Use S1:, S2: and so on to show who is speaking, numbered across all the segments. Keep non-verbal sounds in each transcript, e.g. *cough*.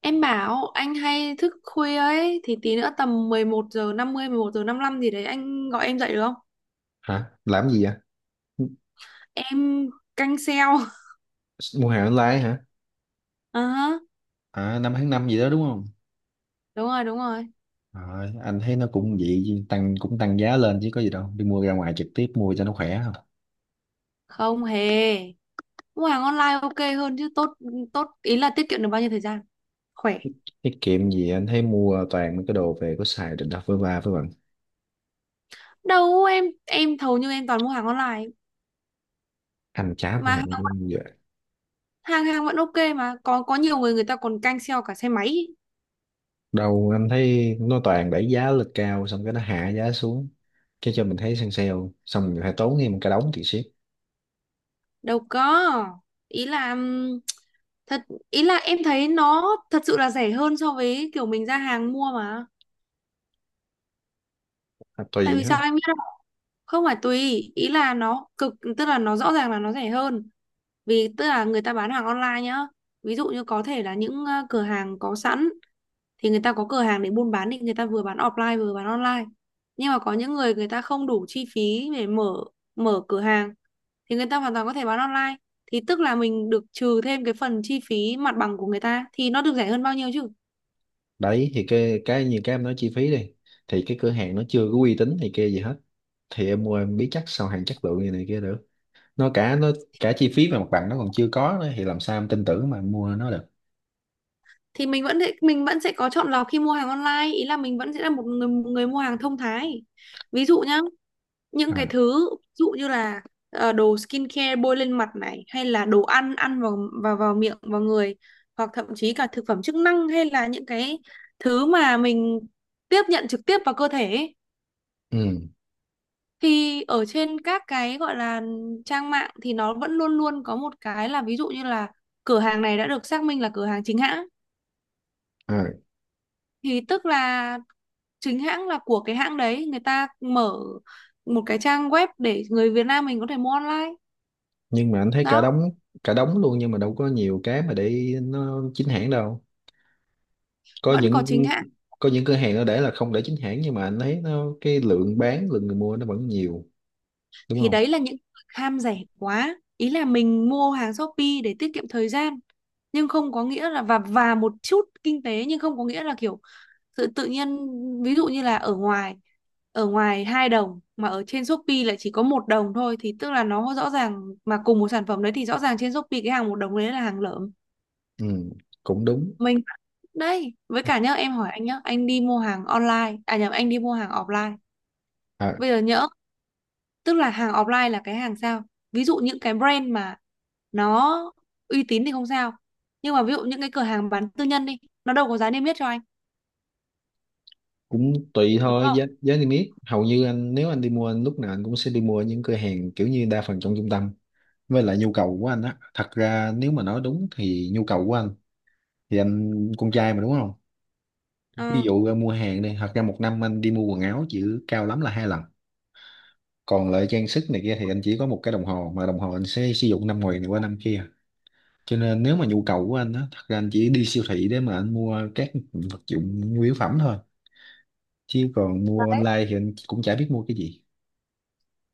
S1: Em bảo anh hay thức khuya ấy thì tí nữa tầm 11:55 gì đấy anh gọi em dậy được không?
S2: Hả, làm gì vậy?
S1: Em canh sale. *laughs*
S2: Mua hàng online hả?
S1: Ờ hả.
S2: À, năm tháng năm gì đó đúng không?
S1: Đúng rồi, đúng rồi.
S2: Rồi, anh thấy nó cũng vậy, tăng cũng tăng giá lên chứ có gì đâu, đi mua ra ngoài trực tiếp mua cho nó khỏe không?
S1: Không hề. Mua hàng online ok hơn chứ tốt. Ý là tiết kiệm được bao nhiêu thời gian? Khỏe.
S2: Tiết kiệm gì, anh thấy mua toàn mấy cái đồ về có xài, định đặt với ba với bạn.
S1: Đâu, em hầu như em toàn mua hàng online
S2: Anh chả mua
S1: mà
S2: hàng
S1: hàng
S2: online giờ.
S1: hàng hàng vẫn ok mà có nhiều người người ta còn canh sale cả xe máy.
S2: Đâu, anh thấy nó toàn đẩy giá lên cao, xong cái nó hạ giá xuống, cái cho mình thấy săn sale, xong mình phải tốn thêm một cái đống tiền ship.
S1: Đâu có. Ý là thật ý là em thấy nó thật sự là rẻ hơn so với kiểu mình ra hàng mua mà.
S2: À,
S1: Tại
S2: tùy
S1: vì
S2: ha.
S1: sao em biết không? Không phải tùy, ý là tức là nó rõ ràng là nó rẻ hơn. Vì tức là người ta bán hàng online nhá. Ví dụ như có thể là những cửa hàng có sẵn thì người ta có cửa hàng để buôn bán thì người ta vừa bán offline vừa bán online. Nhưng mà có những người, người ta không đủ chi phí để mở, cửa hàng thì người ta hoàn toàn có thể bán online. Thì tức là mình được trừ thêm cái phần chi phí mặt bằng của người ta thì nó được rẻ hơn bao nhiêu chứ?
S2: Đấy thì cái như cái em nói chi phí đi, thì cái cửa hàng nó chưa có uy tín thì kia gì hết, thì em mua em biết chắc sao hàng chất lượng như này kia được. Nó cả chi phí và mặt bằng nó còn chưa có nữa thì làm sao em tin tưởng mà em mua nó được.
S1: Thì mình vẫn sẽ- Mình vẫn sẽ có chọn lọc khi mua hàng online, ý là mình vẫn sẽ là một người mua hàng thông thái. Ví dụ nhá, những cái
S2: À,
S1: thứ ví dụ như là đồ skincare bôi lên mặt này, hay là đồ ăn ăn vào vào vào miệng, vào người, hoặc thậm chí cả thực phẩm chức năng, hay là những cái thứ mà mình tiếp nhận trực tiếp vào cơ thể ấy.
S2: ừ,
S1: Thì ở trên các cái gọi là trang mạng thì nó vẫn luôn luôn có một cái là, ví dụ như là cửa hàng này đã được xác minh là cửa hàng chính hãng.
S2: à.
S1: Thì tức là chính hãng là của cái hãng đấy người ta mở một cái trang web để người Việt Nam mình có thể mua online
S2: Nhưng mà anh thấy cả
S1: đó.
S2: đống, cả đống luôn, nhưng mà đâu có nhiều cái mà để nó chính hãng đâu. Có
S1: Vẫn có
S2: những,
S1: chính hãng.
S2: cửa hàng nó để là không để chính hãng, nhưng mà anh thấy nó cái lượng bán, lượng người mua nó vẫn nhiều, đúng
S1: Thì
S2: không?
S1: đấy là những người ham rẻ quá, ý là mình mua hàng Shopee để tiết kiệm thời gian, nhưng không có nghĩa là, và một chút kinh tế, nhưng không có nghĩa là kiểu tự tự nhiên ví dụ như là ở ngoài, ở ngoài 2 đồng mà ở trên Shopee lại chỉ có 1 đồng thôi, thì tức là nó rõ ràng mà cùng một sản phẩm đấy, thì rõ ràng trên Shopee cái hàng 1 đồng đấy là hàng lởm.
S2: Ừ, cũng đúng.
S1: Mình đây với cả nhớ em hỏi anh nhá, anh đi mua hàng online à, nhầm, anh đi mua hàng offline
S2: À,
S1: bây giờ nhỡ, tức là hàng offline là cái hàng sao, ví dụ những cái brand mà nó uy tín thì không sao, nhưng mà ví dụ những cái cửa hàng bán tư nhân đi, nó đâu có giá niêm yết cho anh,
S2: cũng tùy
S1: đúng
S2: thôi.
S1: không?
S2: Giá giá niêm yết hầu như anh, nếu anh đi mua, anh lúc nào anh cũng sẽ đi mua những cửa hàng kiểu như đa phần trong trung tâm. Với lại nhu cầu của anh á, thật ra nếu mà nói đúng thì nhu cầu của anh, thì anh con trai mà đúng không? Ví
S1: Ờ,
S2: dụ ra mua hàng đi, thật ra một năm anh đi mua quần áo chỉ cao lắm là hai lần. Còn lại trang sức này kia thì anh chỉ có một cái đồng hồ, mà đồng hồ anh sẽ sử dụng năm ngoài này qua năm kia. Cho nên nếu mà nhu cầu của anh á, thật ra anh chỉ đi siêu thị để mà anh mua các vật dụng nhu yếu phẩm thôi, chứ còn mua online thì anh cũng chả biết mua cái gì.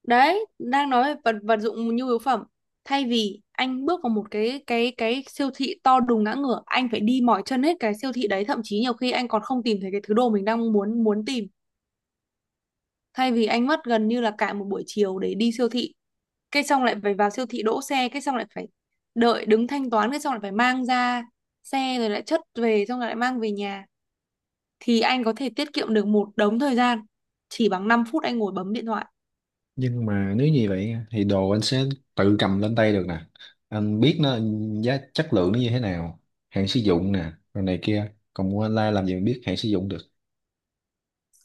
S1: đấy, đang nói về vật vật dụng nhu yếu phẩm, thay vì anh bước vào một cái siêu thị to đùng ngã ngửa, anh phải đi mỏi chân hết cái siêu thị đấy, thậm chí nhiều khi anh còn không tìm thấy cái thứ đồ mình đang muốn muốn tìm. Thay vì anh mất gần như là cả một buổi chiều để đi siêu thị, cái xong lại phải vào siêu thị đỗ xe, cái xong lại phải đợi đứng thanh toán, cái xong lại phải mang ra xe, rồi lại chất về, xong rồi lại mang về nhà, thì anh có thể tiết kiệm được một đống thời gian chỉ bằng 5 phút anh ngồi bấm điện thoại.
S2: Nhưng mà nếu như vậy thì đồ anh sẽ tự cầm lên tay được nè, anh biết nó giá chất lượng nó như thế nào, hạn sử dụng nè rồi này kia, còn mua online làm gì mà biết hạn sử dụng được.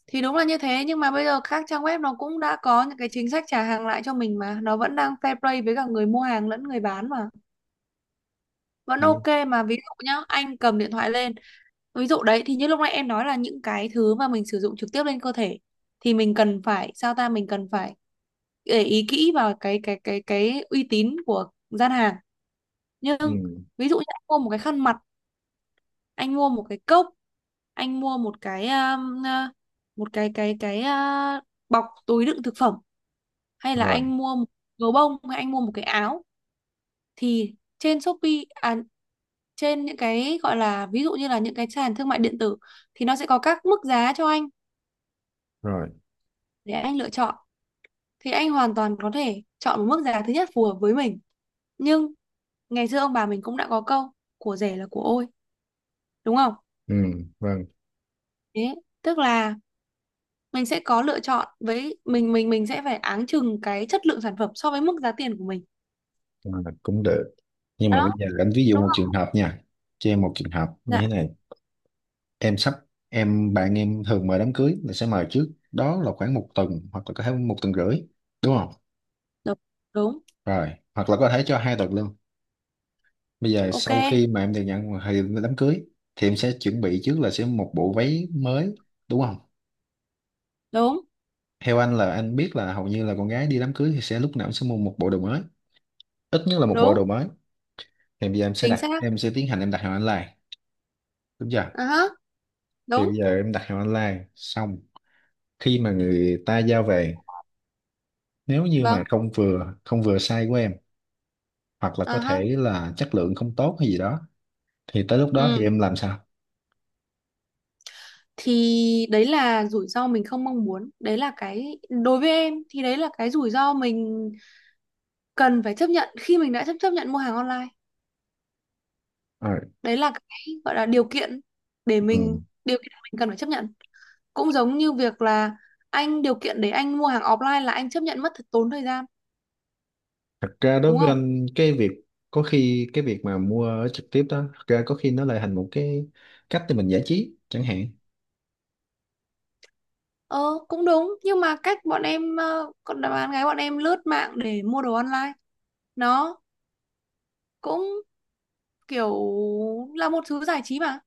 S1: Thì đúng là như thế, nhưng mà bây giờ các trang web nó cũng đã có những cái chính sách trả hàng lại cho mình mà, nó vẫn đang fair play với cả người mua hàng lẫn người bán mà. Vẫn
S2: Đi.
S1: ok mà, ví dụ nhá anh cầm điện thoại lên, ví dụ đấy thì như lúc nãy em nói là những cái thứ mà mình sử dụng trực tiếp lên cơ thể thì mình cần phải sao ta, mình cần phải để ý kỹ vào cái uy tín của gian hàng. Nhưng
S2: Ừ.
S1: ví dụ như anh mua một cái khăn mặt, anh mua một cái cốc, anh mua một cái một bọc túi đựng thực phẩm, hay là
S2: Rồi.
S1: anh mua một gấu bông, hay anh mua một cái áo, thì trên Shopee, trên những cái gọi là ví dụ như là những cái sàn thương mại điện tử thì nó sẽ có các mức giá cho anh
S2: Rồi.
S1: để anh lựa chọn. Thì anh hoàn toàn có thể chọn một mức giá thứ nhất phù hợp với mình, nhưng ngày xưa ông bà mình cũng đã có câu của rẻ là của ôi, đúng không?
S2: Ừ. Vâng.
S1: Thế tức là mình sẽ có lựa chọn với mình sẽ phải áng chừng cái chất lượng sản phẩm so với mức giá tiền của mình
S2: À, cũng được, nhưng mà bây
S1: đó,
S2: giờ anh ví dụ
S1: đúng
S2: một trường
S1: không?
S2: hợp nha, cho em một trường hợp như
S1: Dạ,
S2: thế này. Em sắp, em bạn em thường mời đám cưới là sẽ mời trước đó là khoảng một tuần hoặc là có thể một tuần rưỡi, đúng không?
S1: đúng đúng,
S2: Rồi, hoặc là có thể cho 2 tuần luôn. Bây giờ
S1: ok,
S2: sau khi mà em được nhận thì đám cưới, thì em sẽ chuẩn bị trước là sẽ một bộ váy mới, đúng không?
S1: đúng
S2: Theo anh là anh biết là hầu như là con gái đi đám cưới thì sẽ lúc nào cũng sẽ mua một bộ đồ mới, ít nhất là một bộ
S1: đúng,
S2: đồ mới. Thì bây giờ em sẽ
S1: chính
S2: đặt,
S1: xác,
S2: em sẽ tiến hành em đặt hàng online, đúng chưa?
S1: à ha,
S2: Thì
S1: đúng,
S2: bây giờ em đặt hàng online xong, khi mà người ta giao về, nếu như mà
S1: vâng,
S2: không vừa size của em hoặc là
S1: à
S2: có
S1: ha,
S2: thể là chất lượng không tốt hay gì đó, thì tới lúc đó thì
S1: ừ.
S2: em làm sao?
S1: Thì đấy là rủi ro mình không mong muốn, đấy là cái, đối với em thì đấy là cái rủi ro mình cần phải chấp nhận khi mình đã chấp chấp nhận mua hàng online.
S2: Ờ,
S1: Đấy là cái gọi là điều kiện để
S2: ừ.
S1: mình, điều kiện mình cần phải chấp nhận, cũng giống như việc là anh, điều kiện để anh mua hàng offline là anh chấp nhận mất thật tốn thời gian,
S2: Thật ra đối
S1: đúng
S2: với
S1: không?
S2: anh cái việc, có khi cái việc mà mua ở trực tiếp đó, thật ra có khi nó lại thành một cái cách để mình giải trí chẳng hạn.
S1: Ờ, cũng đúng, nhưng mà cách bọn em, còn là bạn gái bọn em lướt mạng để mua đồ online, nó cũng kiểu là một thứ giải trí mà.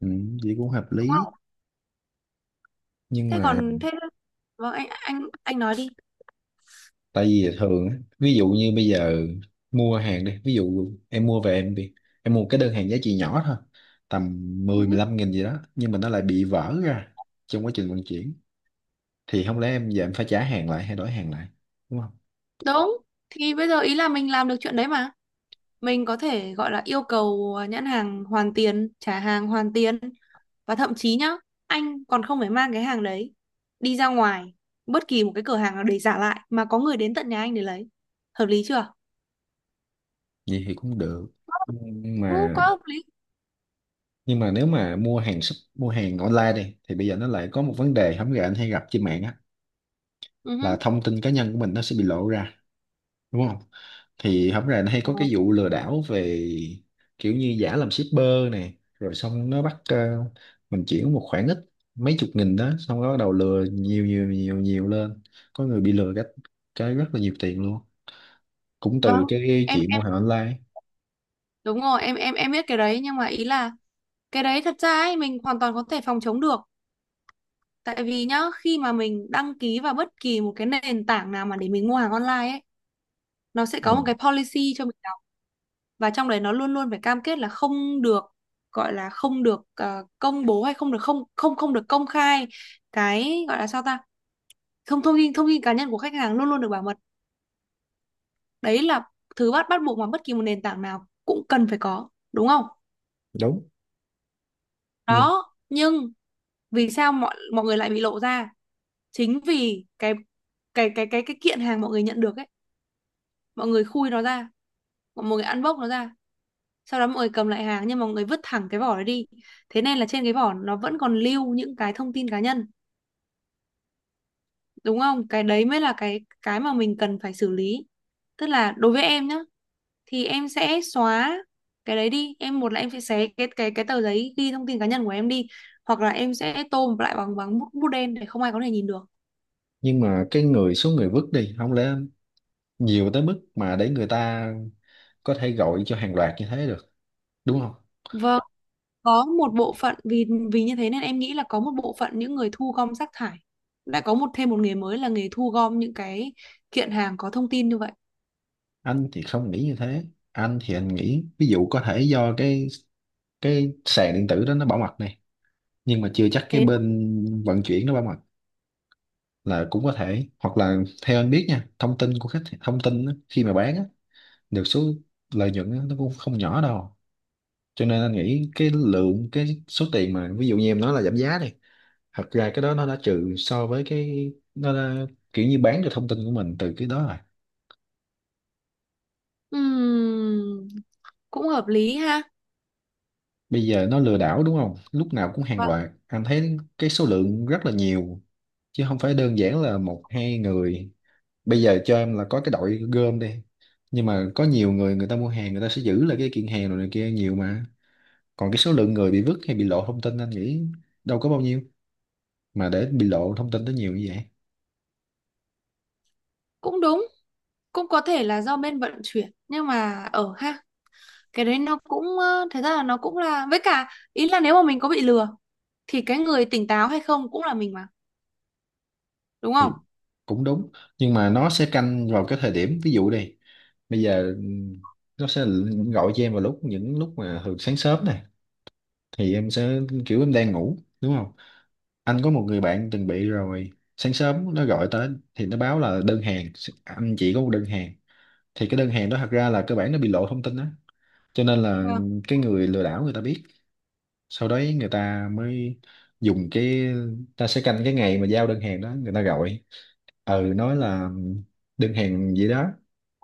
S2: Ừ, vậy cũng hợp lý. Nhưng
S1: Thế
S2: mà,
S1: còn thế, vâng, anh nói đi.
S2: tại vì thường á, ví dụ như bây giờ mua hàng đi, ví dụ em mua về em bị, em mua cái đơn hàng giá trị nhỏ thôi, tầm
S1: Ừ,
S2: mười mười lăm nghìn gì đó, nhưng mà nó lại bị vỡ ra trong quá trình vận chuyển, thì không lẽ em giờ em phải trả hàng lại hay đổi hàng lại, đúng không?
S1: đúng. Thì bây giờ, ý là mình làm được chuyện đấy mà, mình có thể gọi là yêu cầu nhãn hàng hoàn tiền, trả hàng hoàn tiền. Và thậm chí nhá, anh còn không phải mang cái hàng đấy đi ra ngoài bất kỳ một cái cửa hàng nào để trả lại, mà có người đến tận nhà anh để lấy. Hợp lý chưa?
S2: Vậy thì cũng được, nhưng
S1: Đúng,
S2: mà,
S1: quá hợp lý.
S2: nhưng mà nếu mà mua hàng mua hàng online đi thì bây giờ nó lại có một vấn đề không gà anh hay gặp trên mạng á,
S1: Ừ.
S2: là
S1: Hứ.
S2: thông tin cá nhân của mình nó sẽ bị lộ ra, đúng không? Thì không gà nó hay
S1: Ờ,
S2: có cái vụ lừa đảo về kiểu như giả làm shipper này, rồi xong nó bắt mình chuyển một khoản ít, mấy chục nghìn đó, xong nó bắt đầu lừa nhiều nhiều nhiều nhiều lên, có người bị lừa cái, rất là nhiều tiền luôn, cũng từ
S1: vâng.
S2: cái
S1: em
S2: chị mua
S1: em
S2: hàng online.
S1: Đúng rồi, biết cái đấy nhưng mà ý là cái đấy thật ra ấy mình hoàn toàn có thể phòng chống được. Tại vì nhá, khi mà mình đăng ký vào bất kỳ một cái nền tảng nào mà để mình mua hàng online ấy, nó sẽ có một
S2: Ừ,
S1: cái policy cho mình đọc, và trong đấy nó luôn luôn phải cam kết là không được, gọi là không được công bố, hay không được, không không không được công khai cái gọi là sao ta? Thông Thông tin, thông tin cá nhân của khách hàng luôn luôn được bảo mật. Đấy là thứ bắt bắt buộc mà bất kỳ một nền tảng nào cũng cần phải có, đúng không?
S2: đúng. nhưng
S1: Đó, nhưng vì sao mọi mọi người lại bị lộ ra? Chính vì cái kiện hàng mọi người nhận được ấy, mọi người khui nó ra, mọi người ăn bốc nó ra, sau đó mọi người cầm lại hàng nhưng mà mọi người vứt thẳng cái vỏ đó đi, thế nên là trên cái vỏ nó vẫn còn lưu những cái thông tin cá nhân, đúng không? Cái đấy mới là cái mà mình cần phải xử lý. Tức là đối với em nhá, thì em sẽ xóa cái đấy đi em, một là em sẽ xé cái tờ giấy ghi thông tin cá nhân của em đi, hoặc là em sẽ tô lại bằng, bút đen để không ai có thể nhìn được.
S2: nhưng mà cái người, số người vứt đi không lẽ nhiều tới mức mà để người ta có thể gọi cho hàng loạt như thế được, đúng không?
S1: Vâng, có một bộ phận, vì vì như thế nên em nghĩ là có một bộ phận những người thu gom rác thải đã có một, thêm một nghề mới là nghề thu gom những cái kiện hàng có thông tin như vậy.
S2: Anh thì không nghĩ như thế. Anh thì anh nghĩ ví dụ có thể do cái sàn điện tử đó nó bảo mật này, nhưng mà chưa chắc cái
S1: Thế
S2: bên vận chuyển nó bảo mật là cũng có thể, hoặc là theo anh biết nha, thông tin của khách, thông tin á, khi mà bán á, được số lợi nhuận á, nó cũng không nhỏ đâu. Cho nên anh nghĩ cái lượng, cái số tiền mà ví dụ như em nói là giảm giá đi, thật ra cái đó nó đã trừ so với cái nó đã, kiểu như bán được thông tin của mình từ cái đó rồi.
S1: ừm, cũng hợp lý ha.
S2: Bây giờ nó lừa đảo đúng không, lúc nào cũng hàng
S1: Và
S2: loạt, anh thấy cái số lượng rất là nhiều chứ không phải đơn giản là một hai người. Bây giờ cho em là có cái đội gom đi, nhưng mà có nhiều người, người ta mua hàng người ta sẽ giữ lại cái kiện hàng rồi này kia nhiều mà. Còn cái số lượng người bị vứt hay bị lộ thông tin anh nghĩ đâu có bao nhiêu mà để bị lộ thông tin tới nhiều như vậy.
S1: cũng đúng, cũng có thể là do bên vận chuyển nhưng mà ở ha, cái đấy nó cũng thật ra là nó cũng là, với cả ý là nếu mà mình có bị lừa thì cái người tỉnh táo hay không cũng là mình mà, đúng
S2: Thì
S1: không?
S2: cũng đúng, nhưng mà nó sẽ canh vào cái thời điểm ví dụ đi, bây giờ nó sẽ gọi cho em vào lúc những lúc mà thường sáng sớm này, thì em sẽ kiểu em đang ngủ đúng không. Anh có một người bạn từng bị rồi, sáng sớm nó gọi tới thì nó báo là đơn hàng, anh chỉ có một đơn hàng, thì cái đơn hàng đó thật ra là cơ bản nó bị lộ thông tin đó, cho nên là
S1: Vâng,
S2: cái người lừa đảo người ta biết, sau đấy người ta mới dùng cái, ta sẽ canh cái ngày mà giao đơn hàng đó người ta gọi, ừ nói là đơn hàng gì đó,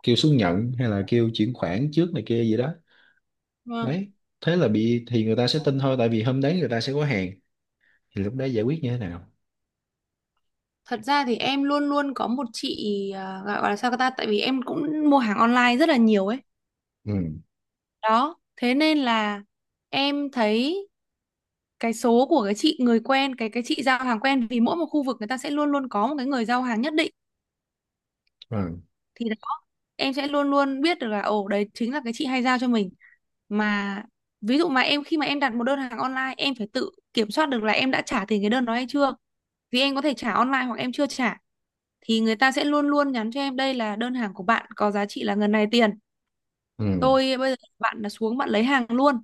S2: kêu xuống nhận hay là kêu chuyển khoản trước này kia gì đó.
S1: vâng.
S2: Đấy, thế là bị, thì người ta sẽ tin thôi tại vì hôm đấy người ta sẽ có hàng, thì lúc đấy giải quyết như thế nào?
S1: Thật ra thì em luôn luôn có một chị, gọi, là sao ta, tại vì em cũng mua hàng online rất là nhiều ấy.
S2: Ừ.
S1: Đó, thế nên là em thấy cái số của cái chị người quen, cái chị giao hàng quen, vì mỗi một khu vực người ta sẽ luôn luôn có một cái người giao hàng nhất định.
S2: Rồi.
S1: Thì đó, em sẽ luôn luôn biết được là ồ đấy chính là cái chị hay giao cho mình mà. Ví dụ mà em khi mà em đặt một đơn hàng online em phải tự kiểm soát được là em đã trả tiền cái đơn đó hay chưa, vì em có thể trả online hoặc em chưa trả, thì người ta sẽ luôn luôn nhắn cho em đây là đơn hàng của bạn có giá trị là ngần này tiền,
S2: Ừ.
S1: tôi bây giờ bạn là xuống bạn lấy hàng luôn,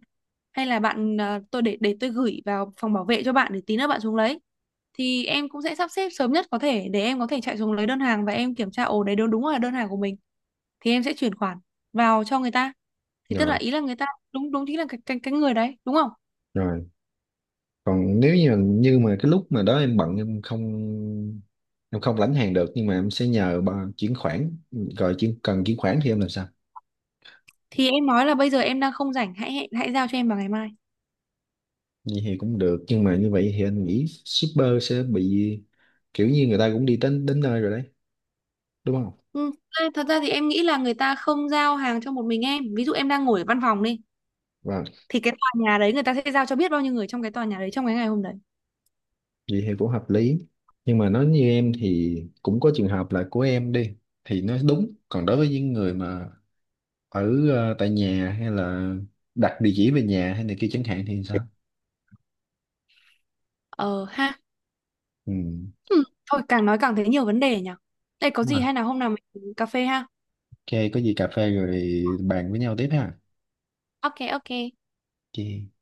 S1: hay là bạn, tôi để, tôi gửi vào phòng bảo vệ cho bạn để tí nữa bạn xuống lấy. Thì em cũng sẽ sắp xếp sớm nhất có thể để em có thể chạy xuống lấy đơn hàng và em kiểm tra, ồ đấy đúng, đúng là đơn hàng của mình, thì em sẽ chuyển khoản vào cho người ta. Thì tức là
S2: Rồi.
S1: ý là người ta đúng, đúng chính là cái người đấy, đúng không?
S2: Rồi. Còn nếu như, như mà cái lúc mà đó em bận em không, em không lãnh hàng được nhưng mà em sẽ nhờ bà chuyển khoản rồi chuyển, cần chuyển khoản thì em làm sao?
S1: Thì em nói là bây giờ em đang không rảnh, hãy hãy, hãy giao cho em vào ngày mai.
S2: Vậy thì cũng được, nhưng mà như vậy thì anh nghĩ shipper sẽ bị kiểu như người ta cũng đi đến đến nơi rồi đấy, đúng không?
S1: Ừ. À, thật ra thì em nghĩ là người ta không giao hàng cho một mình em, ví dụ em đang ngồi ở văn phòng đi,
S2: Vâng.
S1: thì cái tòa nhà đấy người ta sẽ giao cho biết bao nhiêu người trong cái tòa nhà đấy trong cái ngày hôm đấy.
S2: Vậy thì cũng hợp lý. Nhưng mà nói như em thì cũng có trường hợp là của em đi thì nó đúng. Còn đối với những người mà ở tại nhà hay là đặt địa chỉ về nhà hay này kia chẳng hạn thì sao?
S1: Ờ ha.
S2: Ừ,
S1: Thôi càng nói càng thấy nhiều vấn đề nhỉ, đây có
S2: đúng
S1: gì
S2: rồi.
S1: hay là hôm nào mình cà phê ha.
S2: Ok, có gì cà phê rồi bàn với nhau tiếp ha.
S1: Ok, ok.
S2: Ok.